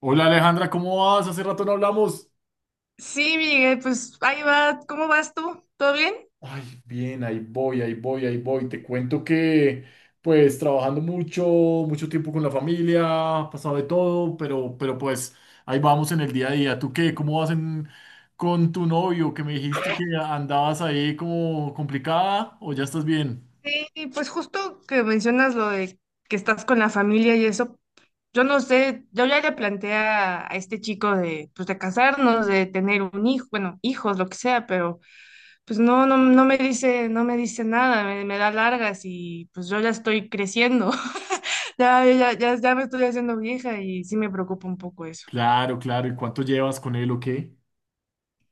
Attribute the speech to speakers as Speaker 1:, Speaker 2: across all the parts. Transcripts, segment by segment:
Speaker 1: Hola Alejandra, ¿cómo vas? Hace rato no hablamos.
Speaker 2: Sí, Miguel, pues ahí va. ¿Cómo vas tú? ¿Todo bien?
Speaker 1: Ay, bien, ahí voy, ahí voy, ahí voy. Te cuento que, pues, trabajando mucho, mucho tiempo con la familia, ha pasado de todo, pero pues, ahí vamos en el día a día. ¿Tú qué? ¿Cómo vas con tu novio? Que me dijiste que andabas ahí como complicada, ¿o ya estás bien?
Speaker 2: Sí, pues justo que mencionas lo de que estás con la familia y eso, yo no sé, yo ya le planteé a este chico de, pues de casarnos, de tener un hijo, bueno, hijos, lo que sea, pero pues no me dice, no me dice nada, me da largas y pues yo ya estoy creciendo, ya me estoy haciendo vieja y sí me preocupa un poco eso.
Speaker 1: Claro, claro. ¿Y cuánto llevas con él o qué?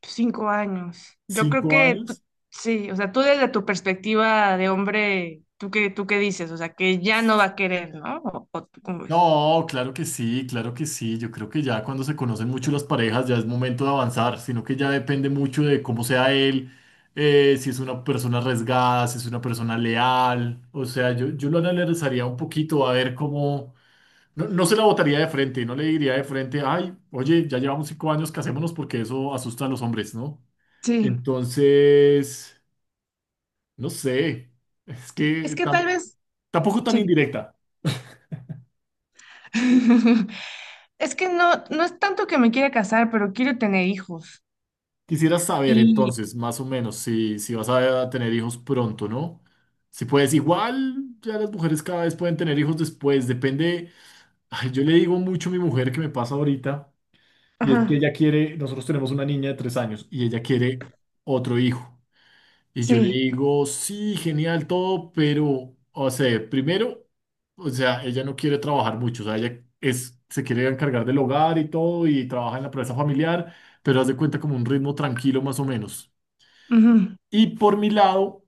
Speaker 2: 5 años. Yo creo
Speaker 1: ¿Cinco
Speaker 2: que tú-
Speaker 1: años?
Speaker 2: sí, o sea, tú desde tu perspectiva de hombre, ¿ tú qué dices? O sea, que ya no va a querer, ¿no? ¿O tú cómo ves?
Speaker 1: No, claro que sí, claro que sí. Yo creo que ya cuando se conocen mucho las parejas ya es momento de avanzar, sino que ya depende mucho de cómo sea él, si es una persona arriesgada, si es una persona leal. O sea, yo lo analizaría un poquito a ver cómo. No, no se la botaría de frente, no le diría de frente, ay, oye, ya llevamos 5 años, casémonos porque eso asusta a los hombres, ¿no?
Speaker 2: Sí,
Speaker 1: Entonces, no sé, es
Speaker 2: es
Speaker 1: que
Speaker 2: que
Speaker 1: tam-
Speaker 2: tal vez,
Speaker 1: tampoco tan
Speaker 2: sí.
Speaker 1: indirecta.
Speaker 2: Es que no es tanto que me quiera casar, pero quiero tener hijos.
Speaker 1: Quisiera saber
Speaker 2: Y,
Speaker 1: entonces, más o menos, si vas a tener hijos pronto, ¿no? Si puedes, igual ya las mujeres cada vez pueden tener hijos después, depende. Ay, yo le digo mucho a mi mujer que me pasa ahorita, y es que
Speaker 2: ajá,
Speaker 1: ella quiere, nosotros tenemos una niña de 3 años y ella quiere otro hijo. Y yo le
Speaker 2: sí.
Speaker 1: digo, sí, genial todo, pero, o sea, primero, o sea, ella no quiere trabajar mucho, o sea, ella es, se quiere encargar del hogar y todo, y trabaja en la empresa familiar, pero haz de cuenta como un ritmo tranquilo más o menos.
Speaker 2: Ujú.
Speaker 1: Y por mi lado,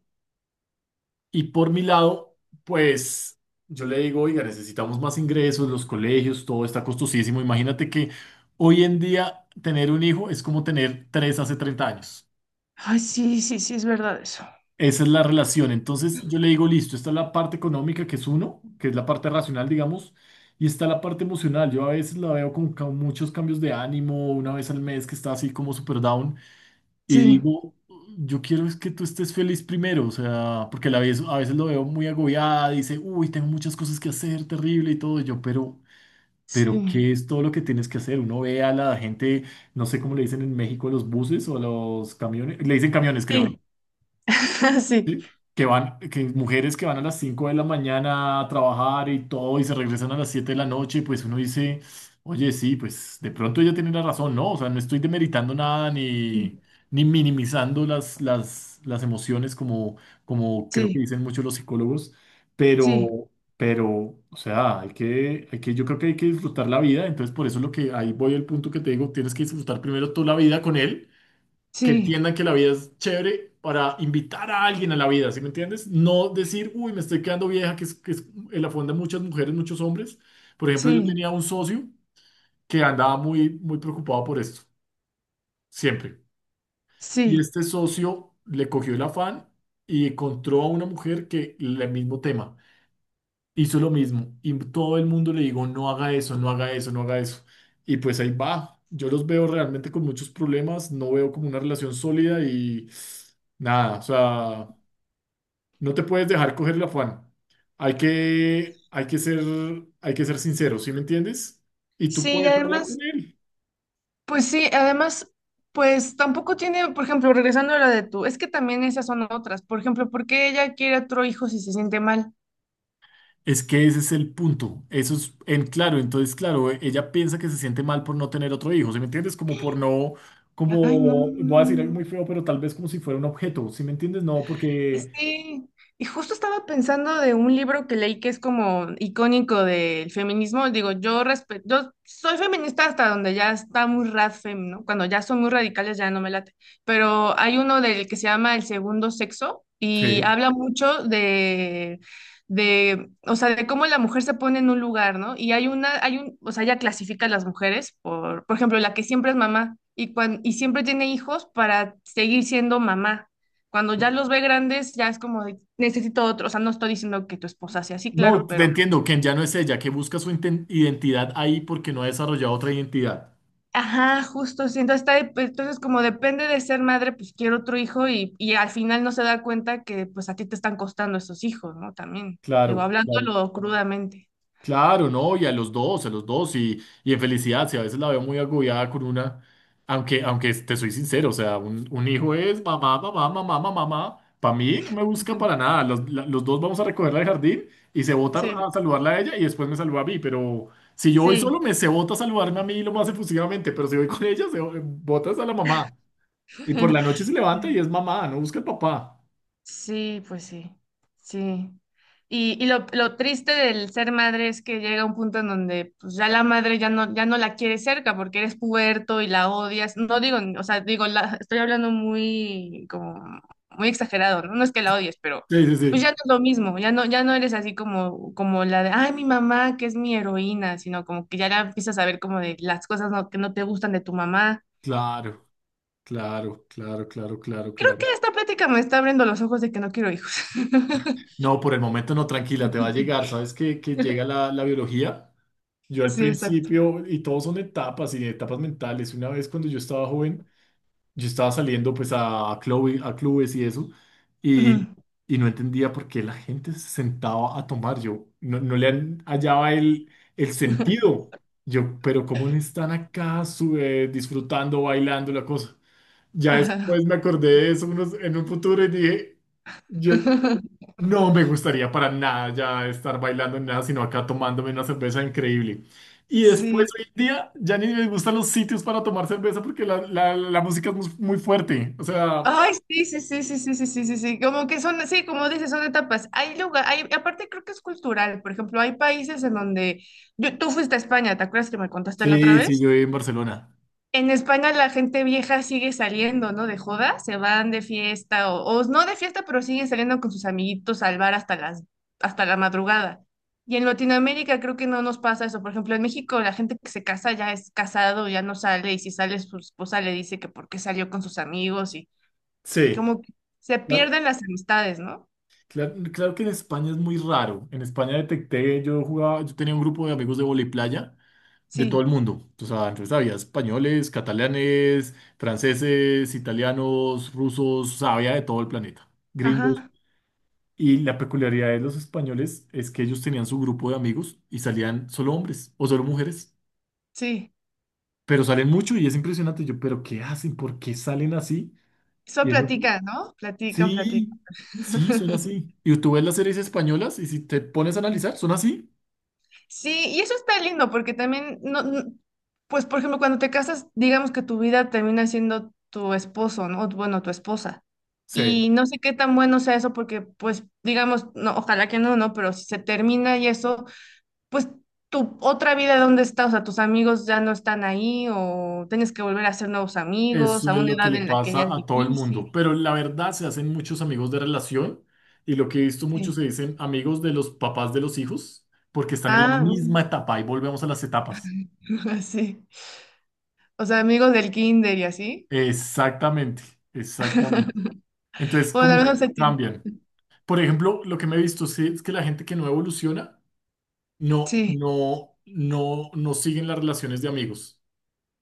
Speaker 1: y por mi lado, pues yo le digo, oiga, necesitamos más ingresos, los colegios, todo está costosísimo. Imagínate que hoy en día tener un hijo es como tener tres hace 30 años.
Speaker 2: Ay, sí, sí, sí, es verdad eso.
Speaker 1: Esa es la relación. Entonces yo le digo, listo, esta es la parte económica, que es uno, que es la parte racional, digamos, y está la parte emocional. Yo a veces la veo con muchos cambios de ánimo, una vez al mes que está así como super down. Y
Speaker 2: Sí,
Speaker 1: digo, yo quiero es que tú estés feliz primero, o sea, porque a la vez, a veces lo veo muy agobiada, dice, uy, tengo muchas cosas que hacer, terrible y todo, y yo, pero,
Speaker 2: sí,
Speaker 1: ¿qué es todo lo que tienes que hacer? Uno ve a la gente, no sé cómo le dicen en México a los buses o a los camiones, le dicen camiones, creo, ¿no?
Speaker 2: sí, sí,
Speaker 1: Sí, que van, que mujeres que van a las 5 de la mañana a trabajar y todo y se regresan a las 7 de la noche, pues uno dice, oye, sí, pues de pronto ella tiene la razón, ¿no? O sea, no estoy demeritando nada ni minimizando las emociones como, como creo que
Speaker 2: sí,
Speaker 1: dicen muchos los psicólogos,
Speaker 2: sí,
Speaker 1: pero, pero, o sea, hay que, yo creo que hay que disfrutar la vida, entonces por eso es lo que, ahí voy al punto que te digo, tienes que disfrutar primero toda la vida con él que
Speaker 2: sí,
Speaker 1: entiendan que la vida es chévere para invitar a alguien a la vida, ¿sí me entiendes? No decir, uy, me estoy quedando vieja, que es en la fonda muchas mujeres, muchos hombres. Por ejemplo, yo
Speaker 2: sí,
Speaker 1: tenía un socio que andaba muy, muy preocupado por esto, siempre. Y
Speaker 2: sí.
Speaker 1: este socio le cogió el afán y encontró a una mujer que el mismo tema hizo lo mismo y todo el mundo le digo, no haga eso, no haga eso, no haga eso. Y pues ahí va. Yo los veo realmente con muchos problemas, no veo como una relación sólida y nada, o sea, no te puedes dejar coger el afán. Hay que, hay que ser, hay que ser sincero, ¿sí me entiendes? Y tú
Speaker 2: Sí, y
Speaker 1: puedes hablar con
Speaker 2: además,
Speaker 1: él.
Speaker 2: pues sí, además, pues tampoco tiene, por ejemplo, regresando a la de tú, es que también esas son otras. Por ejemplo, ¿por qué ella quiere otro hijo si se siente mal?
Speaker 1: Es que ese es el punto. Eso es, en claro, entonces, claro, ella piensa que se siente mal por no tener otro hijo, ¿sí me entiendes? Como por no,
Speaker 2: Ay, no, no,
Speaker 1: como, voy a decir algo
Speaker 2: no, no.
Speaker 1: muy feo, pero tal vez como si fuera un objeto, ¿sí me entiendes? No, porque,
Speaker 2: Sí, y justo estaba pensando de un libro que leí que es como icónico del feminismo. Digo, yo respeto, yo soy feminista hasta donde ya está muy radfem, ¿no? Cuando ya son muy radicales ya no me late. Pero hay uno del que se llama El Segundo Sexo y
Speaker 1: sí.
Speaker 2: habla mucho de, o sea, de cómo la mujer se pone en un lugar, ¿no? Hay un, o sea, ella clasifica a las mujeres por ejemplo, la que siempre es mamá y y siempre tiene hijos para seguir siendo mamá. Cuando ya los ve grandes, ya es como de, necesito otro. O sea, no estoy diciendo que tu esposa sea así,
Speaker 1: No,
Speaker 2: claro,
Speaker 1: te
Speaker 2: pero,
Speaker 1: entiendo, que ya no es ella, que busca su identidad ahí porque no ha desarrollado otra identidad.
Speaker 2: ajá, justo, sí. Entonces, entonces como depende de ser madre, pues quiero otro hijo y al final no se da cuenta que pues a ti te están costando esos hijos, ¿no? También, digo,
Speaker 1: Claro, claro.
Speaker 2: hablándolo crudamente.
Speaker 1: Claro, no, y a los dos, y en felicidad, si a veces la veo muy agobiada con una, aunque te soy sincero, o sea, un hijo es mamá, mamá, mamá, mamá, mamá, para mí no me busca para nada, los dos vamos a recogerla del jardín y se bota
Speaker 2: Sí,
Speaker 1: a saludarla a ella y después me saluda a mí, pero si yo voy solo
Speaker 2: sí.
Speaker 1: me se bota a saludarme a mí lo más efusivamente, pero si voy con ella se botas a la mamá, y por la noche se levanta y es mamá, no busca el papá.
Speaker 2: Sí, pues sí, sí. Y lo triste del ser madre es que llega un punto en donde pues, ya la madre ya no, ya no la quiere cerca porque eres puberto y la odias. No digo, o sea, digo, la, estoy hablando muy, como, muy exagerado, ¿no? No es que la odies, pero
Speaker 1: Sí, sí,
Speaker 2: pues
Speaker 1: sí,
Speaker 2: ya no es lo mismo, ya no eres así como, como la de, ay, mi mamá, que es mi heroína, sino como que ya la empiezas a ver como de las cosas no- que no te gustan de tu mamá.
Speaker 1: claro, claro, claro, claro, claro,
Speaker 2: Creo
Speaker 1: claro.
Speaker 2: que esta plática me está abriendo los ojos de que no quiero hijos.
Speaker 1: No, por el momento no, tranquila, te va a llegar. Sabes que, llega la biología. Yo al
Speaker 2: Sí, exacto.
Speaker 1: principio, y todos son etapas y etapas mentales. Una vez cuando yo estaba joven, yo estaba saliendo pues a clubes y eso,
Speaker 2: Ujú.
Speaker 1: y, y no entendía por qué la gente se sentaba a tomar. Yo no le hallaba el sentido. Yo, pero ¿cómo no están acá disfrutando, bailando la cosa? Ya
Speaker 2: Ajá.
Speaker 1: después me acordé de eso en un futuro y dije. Yo no me gustaría para nada ya estar bailando ni nada, sino acá tomándome una cerveza increíble. Y después
Speaker 2: Sí.
Speaker 1: hoy en día ya ni me gustan los sitios para tomar cerveza porque la música es muy muy fuerte. O sea,
Speaker 2: Ay, sí, sí, sí, sí, sí, sí, sí, sí, sí. Como que son, sí, como dices, son etapas. Hay lugar, hay, aparte creo que es cultural. Por ejemplo, hay países en donde tú fuiste a España, ¿te acuerdas que me contaste la otra
Speaker 1: sí, sí,
Speaker 2: vez?
Speaker 1: yo viví en Barcelona.
Speaker 2: En España la gente vieja sigue saliendo, ¿no? De joda, se van de fiesta o no de fiesta, pero siguen saliendo con sus amiguitos al bar hasta la madrugada. Y en Latinoamérica creo que no nos pasa eso. Por ejemplo, en México la gente que se casa ya es casado, ya no sale, y si sale su esposa le dice que por qué salió con sus amigos y
Speaker 1: Sí.
Speaker 2: como que se
Speaker 1: La-
Speaker 2: pierden las amistades, ¿no?
Speaker 1: claro que en España es muy raro. En España detecté, yo jugaba, yo tenía un grupo de amigos de voleiplaya de todo
Speaker 2: Sí,
Speaker 1: el mundo. O sea, entonces había españoles, catalanes, franceses, italianos, rusos, o sea, había de todo el planeta. Gringos.
Speaker 2: ajá,
Speaker 1: Y la peculiaridad de los españoles es que ellos tenían su grupo de amigos y salían solo hombres o solo mujeres,
Speaker 2: sí.
Speaker 1: pero salen mucho y es impresionante. Yo, ¿pero qué hacen? ¿Por qué salen así?
Speaker 2: Eso
Speaker 1: Y es así.
Speaker 2: platican, ¿no? Platican, platican.
Speaker 1: Sí, sí, son así. Y tú ves las series españolas y si te pones a analizar, son así.
Speaker 2: Sí, y eso está lindo porque también, pues por ejemplo, cuando te casas, digamos que tu vida termina siendo tu esposo, ¿no? O, bueno, tu esposa.
Speaker 1: Sí,
Speaker 2: Y no sé qué tan bueno sea eso porque, pues, digamos, no, ojalá que no, ¿no? Pero si se termina y eso, pues tu otra vida, ¿dónde está? O sea, tus amigos ya no están ahí o tienes que volver a hacer nuevos amigos
Speaker 1: eso
Speaker 2: a
Speaker 1: es
Speaker 2: una
Speaker 1: lo que
Speaker 2: edad
Speaker 1: le
Speaker 2: en la que
Speaker 1: pasa
Speaker 2: ya es
Speaker 1: a todo el
Speaker 2: difícil.
Speaker 1: mundo. Pero la verdad se hacen muchos amigos de relación y lo que he visto
Speaker 2: Sí.
Speaker 1: muchos se dicen amigos de los papás de los hijos porque están en la
Speaker 2: Ah,
Speaker 1: misma etapa y volvemos a las etapas.
Speaker 2: sí. O sea, amigos del kinder y así.
Speaker 1: Exactamente, exactamente. Entonces,
Speaker 2: Bueno, al
Speaker 1: ¿cómo
Speaker 2: menos se tiene.
Speaker 1: cambian? Por ejemplo, lo que me he visto sí, es que la gente que no evoluciona no,
Speaker 2: Sí,
Speaker 1: no, no, no siguen las relaciones de amigos.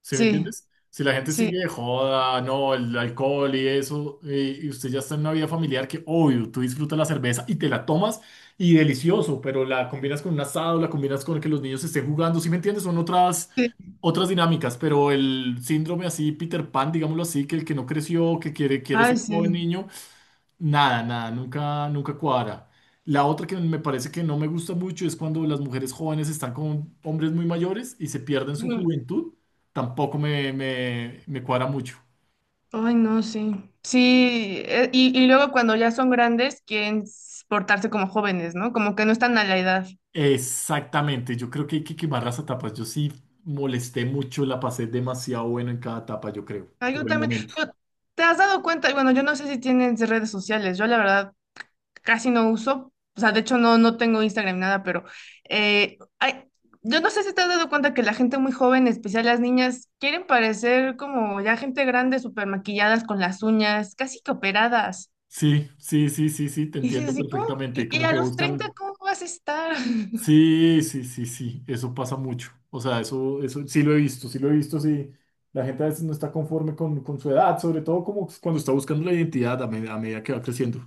Speaker 1: ¿Sí me
Speaker 2: sí,
Speaker 1: entiendes? Si la gente sigue
Speaker 2: sí.
Speaker 1: de joda, no, el alcohol y eso, y usted ya está en una vida familiar que, obvio, tú disfrutas la cerveza y te la tomas y delicioso, pero la combinas con un asado, la combinas con que los niños estén jugando, ¿sí me entiendes? Son otras,
Speaker 2: Sí.
Speaker 1: otras dinámicas, pero el síndrome así, Peter Pan, digámoslo así, que el que no creció, que quiere ser
Speaker 2: Ay,
Speaker 1: joven
Speaker 2: sí.
Speaker 1: niño, nada, nada, nunca, nunca cuadra. La otra que me parece que no me gusta mucho es cuando las mujeres jóvenes están con hombres muy mayores y se pierden su
Speaker 2: Mm.
Speaker 1: juventud, tampoco me cuadra mucho.
Speaker 2: Ay, no, sí. Sí, y luego cuando ya son grandes quieren portarse como jóvenes, ¿no? Como que no están a la edad.
Speaker 1: Exactamente, yo creo que hay que quemar las etapas. Yo sí molesté mucho, la pasé demasiado bueno en cada etapa, yo creo,
Speaker 2: Ay, yo
Speaker 1: por el
Speaker 2: también.
Speaker 1: momento.
Speaker 2: Pero, ¿te has dado cuenta? Y bueno, yo no sé si tienes redes sociales. Yo la verdad casi no uso. O sea, de hecho no tengo Instagram ni nada, pero eh, ay, yo no sé si te has dado cuenta que la gente muy joven, en especial las niñas, quieren parecer como ya gente grande, súper maquilladas con las uñas, casi que operadas.
Speaker 1: Sí, sí, sí, sí, sí, te
Speaker 2: Y dices
Speaker 1: entiendo
Speaker 2: así, ¿cómo?
Speaker 1: perfectamente.
Speaker 2: Y
Speaker 1: Como
Speaker 2: a
Speaker 1: que
Speaker 2: los 30
Speaker 1: buscan.
Speaker 2: ¿cómo vas a estar?
Speaker 1: Sí, sí, sí, sí, eso pasa mucho. O sea, eso sí lo he visto, sí lo he visto, sí. La gente a veces no está conforme con su edad, sobre todo como cuando está buscando la identidad a medida que va creciendo.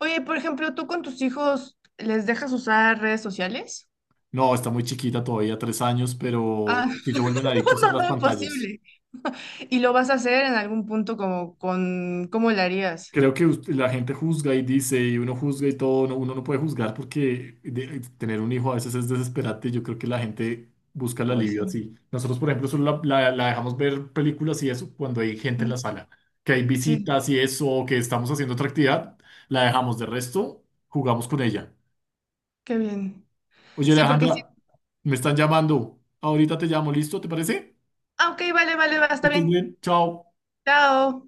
Speaker 2: Oye, por ejemplo, ¿tú con tus hijos les dejas usar redes sociales?
Speaker 1: No, está muy chiquita todavía, 3 años, pero
Speaker 2: Ah,
Speaker 1: sí se vuelven
Speaker 2: no,
Speaker 1: adictos a
Speaker 2: no,
Speaker 1: las
Speaker 2: no,
Speaker 1: pantallas.
Speaker 2: imposible. ¿Y lo vas a hacer en algún punto cómo lo harías?
Speaker 1: Creo que la gente juzga y dice, y uno juzga y todo, uno no puede juzgar porque tener un hijo a veces es desesperante y yo creo que la gente busca el
Speaker 2: Oh,
Speaker 1: alivio
Speaker 2: sí.
Speaker 1: así. Nosotros, por ejemplo, solo la dejamos ver películas y eso cuando hay gente en la
Speaker 2: Mm,
Speaker 1: sala, que hay
Speaker 2: sí,
Speaker 1: visitas y eso, o que estamos haciendo otra actividad, la dejamos. De resto, jugamos con ella.
Speaker 2: qué bien.
Speaker 1: Oye,
Speaker 2: Sí, porque sí.
Speaker 1: Alejandra, me están llamando. Ahorita te llamo, ¿listo? ¿Te parece?
Speaker 2: Ah, ok, vale, vale, va,
Speaker 1: Que
Speaker 2: está
Speaker 1: estés
Speaker 2: bien.
Speaker 1: bien, chao.
Speaker 2: Chao.